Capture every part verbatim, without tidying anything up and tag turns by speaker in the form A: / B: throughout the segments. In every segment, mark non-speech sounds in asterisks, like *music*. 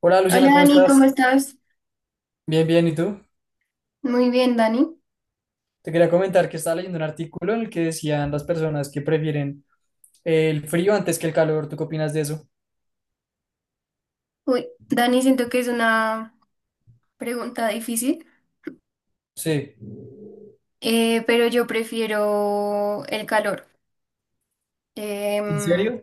A: Hola
B: Hola
A: Luciana, ¿cómo
B: Dani, ¿cómo
A: estás?
B: estás?
A: Bien, bien, ¿y tú?
B: Muy bien, Dani.
A: Te quería comentar que estaba leyendo un artículo en el que decían las personas que prefieren el frío antes que el calor. ¿Tú qué opinas de eso?
B: Uy, Dani, siento que es una pregunta difícil,
A: Sí.
B: eh, pero yo prefiero el calor.
A: ¿En
B: Em,
A: serio?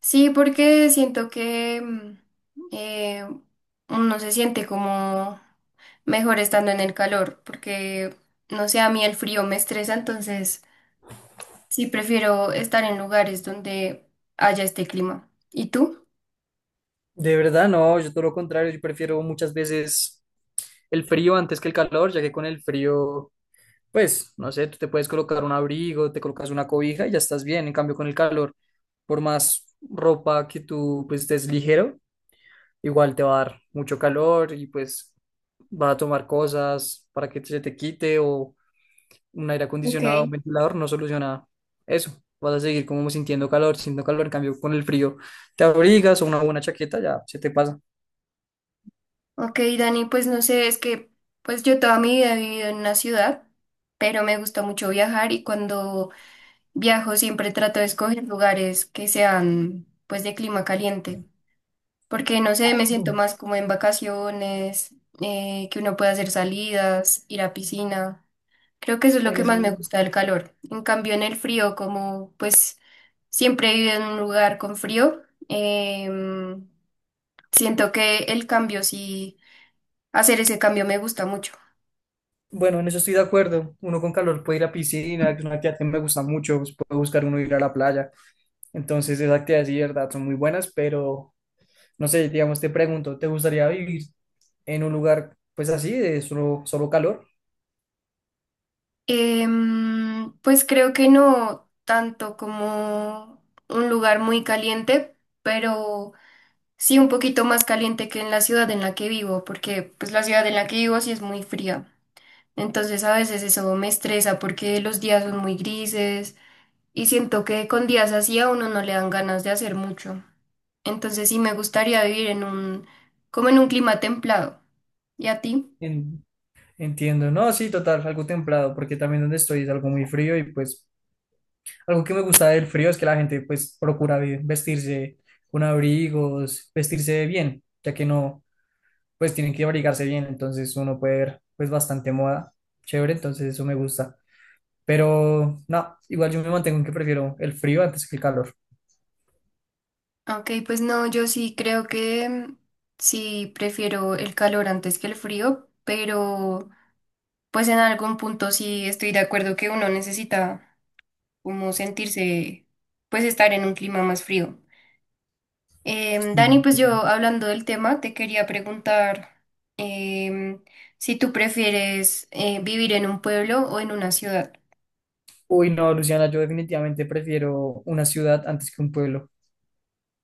B: sí, porque siento que mm, eh, uno se siente como mejor estando en el calor, porque no sé, a mí el frío me estresa, entonces sí prefiero estar en lugares donde haya este clima. ¿Y tú?
A: De verdad, no, yo todo lo contrario, yo prefiero muchas veces el frío antes que el calor, ya que con el frío, pues, no sé, tú te puedes colocar un abrigo, te colocas una cobija y ya estás bien. En cambio, con el calor, por más ropa que tú, pues, estés ligero, igual te va a dar mucho calor y pues va a tomar cosas para que se te quite o un aire
B: Ok.
A: acondicionado, un ventilador, no soluciona eso. Vas a seguir como sintiendo calor, sintiendo calor, en cambio con el frío te abrigas o una buena chaqueta, ya se te pasa.
B: Ok, Dani, pues no sé, es que pues yo toda mi vida he vivido en una ciudad, pero me gusta mucho viajar y cuando viajo siempre trato de escoger lugares que sean pues de clima caliente, porque no sé, me siento más como en vacaciones, eh, que uno pueda hacer salidas, ir a piscina. Creo que eso es lo que más me gusta del calor. En cambio, en el frío, como pues siempre he vivido en un lugar con frío, em, siento que el cambio sí, hacer ese cambio me gusta mucho.
A: Bueno, en eso estoy de acuerdo. Uno con calor puede ir a piscina, que es una actividad que me gusta mucho, pues, puede buscar uno ir a la playa. Entonces esas actividades sí, de verdad, son muy buenas, pero no sé, digamos, te pregunto, ¿te gustaría vivir en un lugar pues así, de solo, solo calor?
B: Em, pues creo que no tanto como un lugar muy caliente, pero sí un poquito más caliente que en la ciudad en la que vivo, porque pues la ciudad en la que vivo sí es muy fría. Entonces a veces eso me estresa porque los días son muy grises y siento que con días así a uno no le dan ganas de hacer mucho. Entonces sí me gustaría vivir en un, como en un clima templado. ¿Y a ti?
A: En- Entiendo, no, sí, total, algo templado, porque también donde estoy es algo muy frío y pues algo que me gusta del frío es que la gente pues procura vi- vestirse con abrigos, vestirse bien, ya que no, pues tienen que abrigarse bien, entonces uno puede ver pues bastante moda, chévere, entonces eso me gusta, pero no, igual yo me mantengo en que prefiero el frío antes que el calor.
B: Ok, pues no, yo sí creo que mm, sí prefiero el calor antes que el frío, pero pues en algún punto sí estoy de acuerdo que uno necesita como sentirse, pues estar en un clima más frío. Em,
A: Sí,
B: Dani, pues
A: entiendo.
B: yo hablando del tema, te quería preguntar em, si tú prefieres eh, vivir en un pueblo o en una ciudad.
A: Uy, no, Luciana, yo definitivamente prefiero una ciudad antes que un pueblo.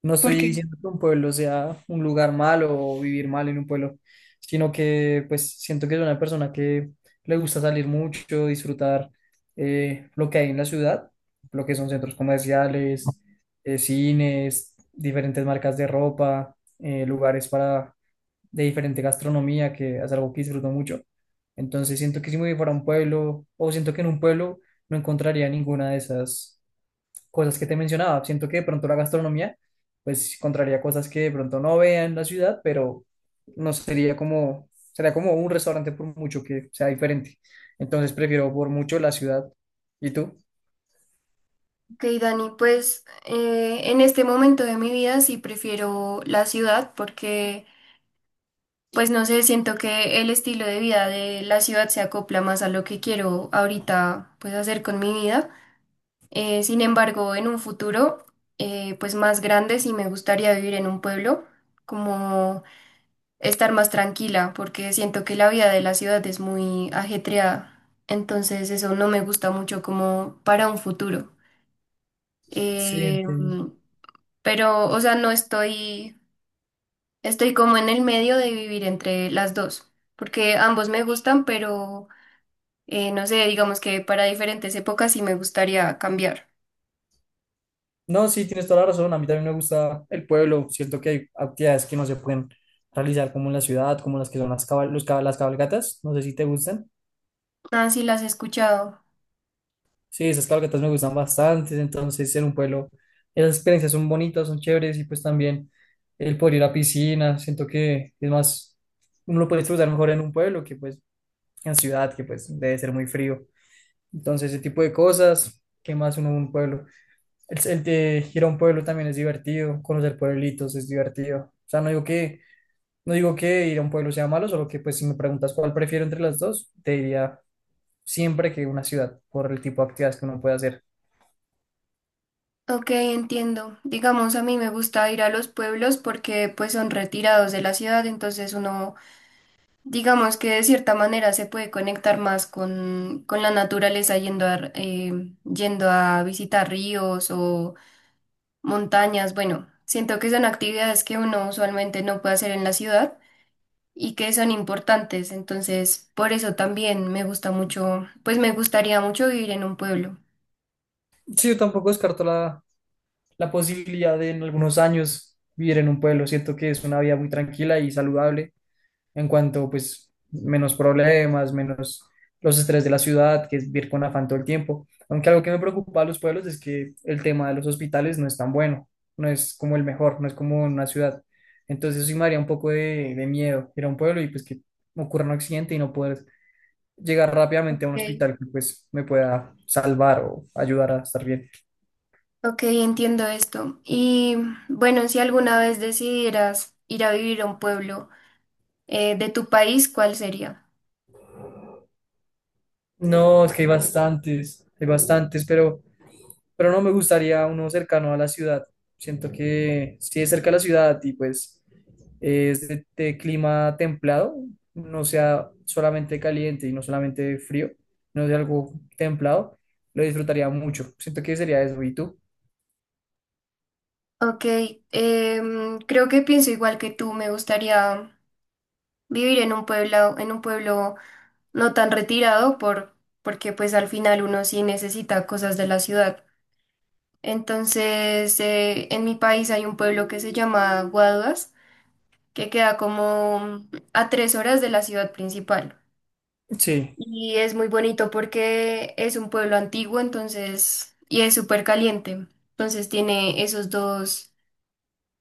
A: No estoy
B: Porque,
A: diciendo que un pueblo sea un lugar malo o vivir mal en un pueblo, sino que pues siento que es una persona que le gusta salir mucho, disfrutar eh, lo que hay en la ciudad, lo que son centros comerciales, eh, cines, diferentes marcas de ropa, eh, lugares para de diferente gastronomía, que es algo que disfruto mucho. Entonces siento que si me voy para un pueblo, o siento que en un pueblo no encontraría ninguna de esas cosas que te mencionaba. Siento que de pronto la gastronomía, pues encontraría cosas que de pronto no vea en la ciudad, pero no sería como, sería como un restaurante por mucho que sea diferente. Entonces prefiero por mucho la ciudad. ¿Y tú?
B: ok, Dani, pues eh, en este momento de mi vida sí prefiero la ciudad porque... Pues no sé, siento que el estilo de vida de la ciudad se acopla más a lo que quiero ahorita pues hacer con mi vida. Eh, sin embargo, en un futuro eh, pues más grande sí me gustaría vivir en un pueblo, como estar más tranquila, porque siento que la vida de la ciudad es muy ajetreada. Entonces eso no me gusta mucho como para un futuro.
A: Sí,
B: Eh,
A: entiendo.
B: pero, o sea, no estoy estoy como en el medio de vivir entre las dos, porque ambos me gustan, pero eh, no sé, digamos que para diferentes épocas sí me gustaría cambiar.
A: No, sí, tienes toda la razón. A mí también me gusta el pueblo. Siento que hay actividades que no se pueden realizar como en la ciudad, como las que son las, cabal- los cab- las cabalgatas. No sé si te gustan.
B: Ah, sí, las he escuchado.
A: Sí, esas cabalgatas me gustan bastante, entonces en un pueblo esas experiencias son bonitas, son chéveres y pues también el poder ir a piscina, siento que es más, uno lo puede disfrutar mejor en un pueblo que pues en ciudad, que pues debe ser muy frío. Entonces ese tipo de cosas, ¿qué más uno en un pueblo? El, el de ir a un pueblo también es divertido, conocer pueblitos es divertido. O sea, no digo que, no digo que ir a un pueblo sea malo, solo que pues si me preguntas cuál prefiero entre las dos, te diría siempre que una ciudad por el tipo de actividades que uno puede hacer.
B: Ok, entiendo. Digamos, a mí me gusta ir a los pueblos porque pues son retirados de la ciudad, entonces uno, digamos que de cierta manera se puede conectar más con, con la naturaleza yendo a, eh, yendo a visitar ríos o montañas. Bueno, siento que son actividades que uno usualmente no puede hacer en la ciudad y que son importantes. Entonces, por eso también me gusta mucho, pues me gustaría mucho vivir en un pueblo.
A: Sí, yo tampoco descarto la, la posibilidad de en algunos años vivir en un pueblo. Siento que es una vida muy tranquila y saludable en cuanto, pues, menos problemas, menos los estrés de la ciudad, que es vivir con afán todo el tiempo. Aunque algo que me preocupa a los pueblos es que el tema de los hospitales no es tan bueno, no es como el mejor, no es como en una ciudad. Entonces, sí me haría un poco de, de miedo ir a un pueblo y, pues, que ocurra un accidente y no poder llegar rápidamente a un
B: Ok.
A: hospital que, pues, me pueda salvar o ayudar a estar bien.
B: Ok, entiendo esto. Y bueno, si alguna vez decidieras ir a vivir a un pueblo eh, de tu país, ¿cuál sería?
A: No, es que hay bastantes, hay bastantes, pero, pero no me gustaría uno cercano a la ciudad. Siento que si es cerca a la ciudad y pues es de, de clima templado, no sea solamente caliente y no solamente frío, no sea algo templado, lo disfrutaría mucho. Siento que sería eso. ¿Y tú?
B: Ok, em, creo que pienso igual que tú. Me gustaría vivir en un pueblo, en un pueblo no tan retirado por, porque pues al final uno sí necesita cosas de la ciudad. Entonces, eh, en mi país hay un pueblo que se llama Guaduas, que queda como a tres horas de la ciudad principal.
A: Sí.
B: Y es muy bonito porque es un pueblo antiguo, entonces, y es súper caliente. Entonces tiene esos dos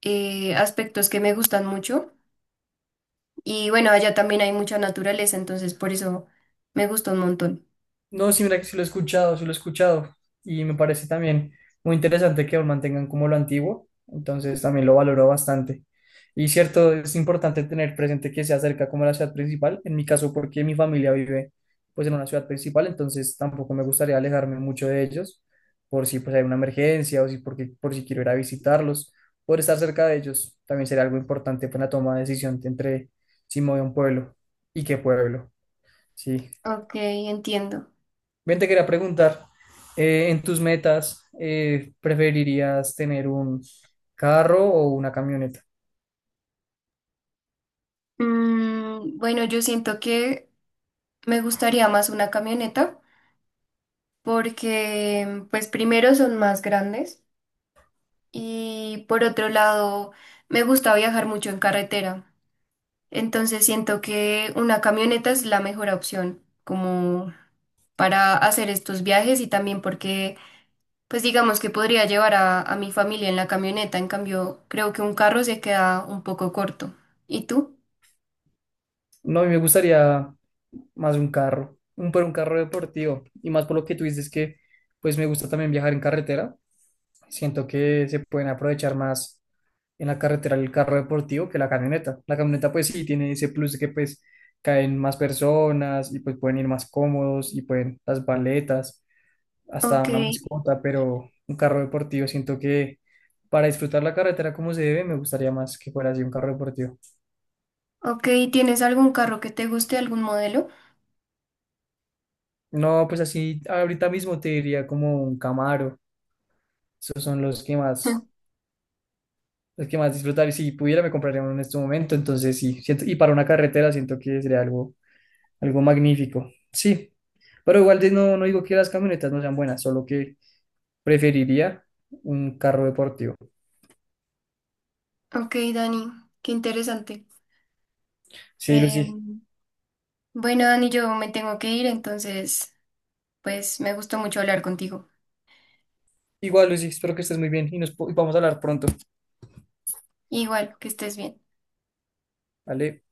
B: eh, aspectos que me gustan mucho. Y bueno, allá también hay mucha naturaleza, entonces por eso me gusta un montón.
A: No, sí, mira que sí lo he escuchado, sí lo he escuchado. Y me parece también muy interesante que aún mantengan como lo antiguo. Entonces también lo valoro bastante. Y cierto, es importante tener presente que se acerca como a la ciudad principal. En mi caso, porque mi familia vive pues en una ciudad principal, entonces tampoco me gustaría alejarme mucho de ellos por si pues hay una emergencia o si porque, por si quiero ir a visitarlos. Por estar cerca de ellos también sería algo importante para la toma de decisión entre si me voy a un pueblo y qué pueblo. Sí.
B: Ok, entiendo.
A: Bien, te quería preguntar, eh, en tus metas, eh, ¿preferirías tener un carro o una camioneta?
B: Mm, bueno, yo siento que me gustaría más una camioneta porque pues primero son más grandes y por otro lado me gusta viajar mucho en carretera, entonces siento que una camioneta es la mejor opción como para hacer estos viajes y también porque pues digamos que podría llevar a, a mi familia en la camioneta, en cambio creo que un carro se queda un poco corto. ¿Y tú?
A: No, a mí me gustaría más un carro, un, pero un carro deportivo. Y más por lo que tú dices que, pues me gusta también viajar en carretera. Siento que se pueden aprovechar más en la carretera el carro deportivo que la camioneta. La camioneta, pues sí, tiene ese plus de que, pues, caen más personas y pues pueden ir más cómodos y pueden las baletas hasta
B: Ok,
A: una mascota, pero un carro deportivo. Siento que para disfrutar la carretera como se debe, me gustaría más que fuera así un carro deportivo.
B: ok, ¿tienes algún carro que te guste, algún modelo?
A: No, pues así ahorita mismo te diría como un Camaro. Esos son los que más,
B: *laughs*
A: los que más disfrutar. Y si pudiera, me compraría uno en este momento. Entonces sí, siento, y para una carretera siento que sería algo, algo magnífico. Sí, pero igual de- no, no digo que las camionetas no sean buenas, solo que preferiría un carro deportivo.
B: Ok, Dani, qué interesante.
A: Sí, Lucy.
B: Em, Bueno, Dani, yo me tengo que ir, entonces, pues me gustó mucho hablar contigo.
A: Igual, Lucy, espero que estés muy bien y nos po- y vamos a hablar pronto.
B: Igual, que estés bien.
A: ¿Vale?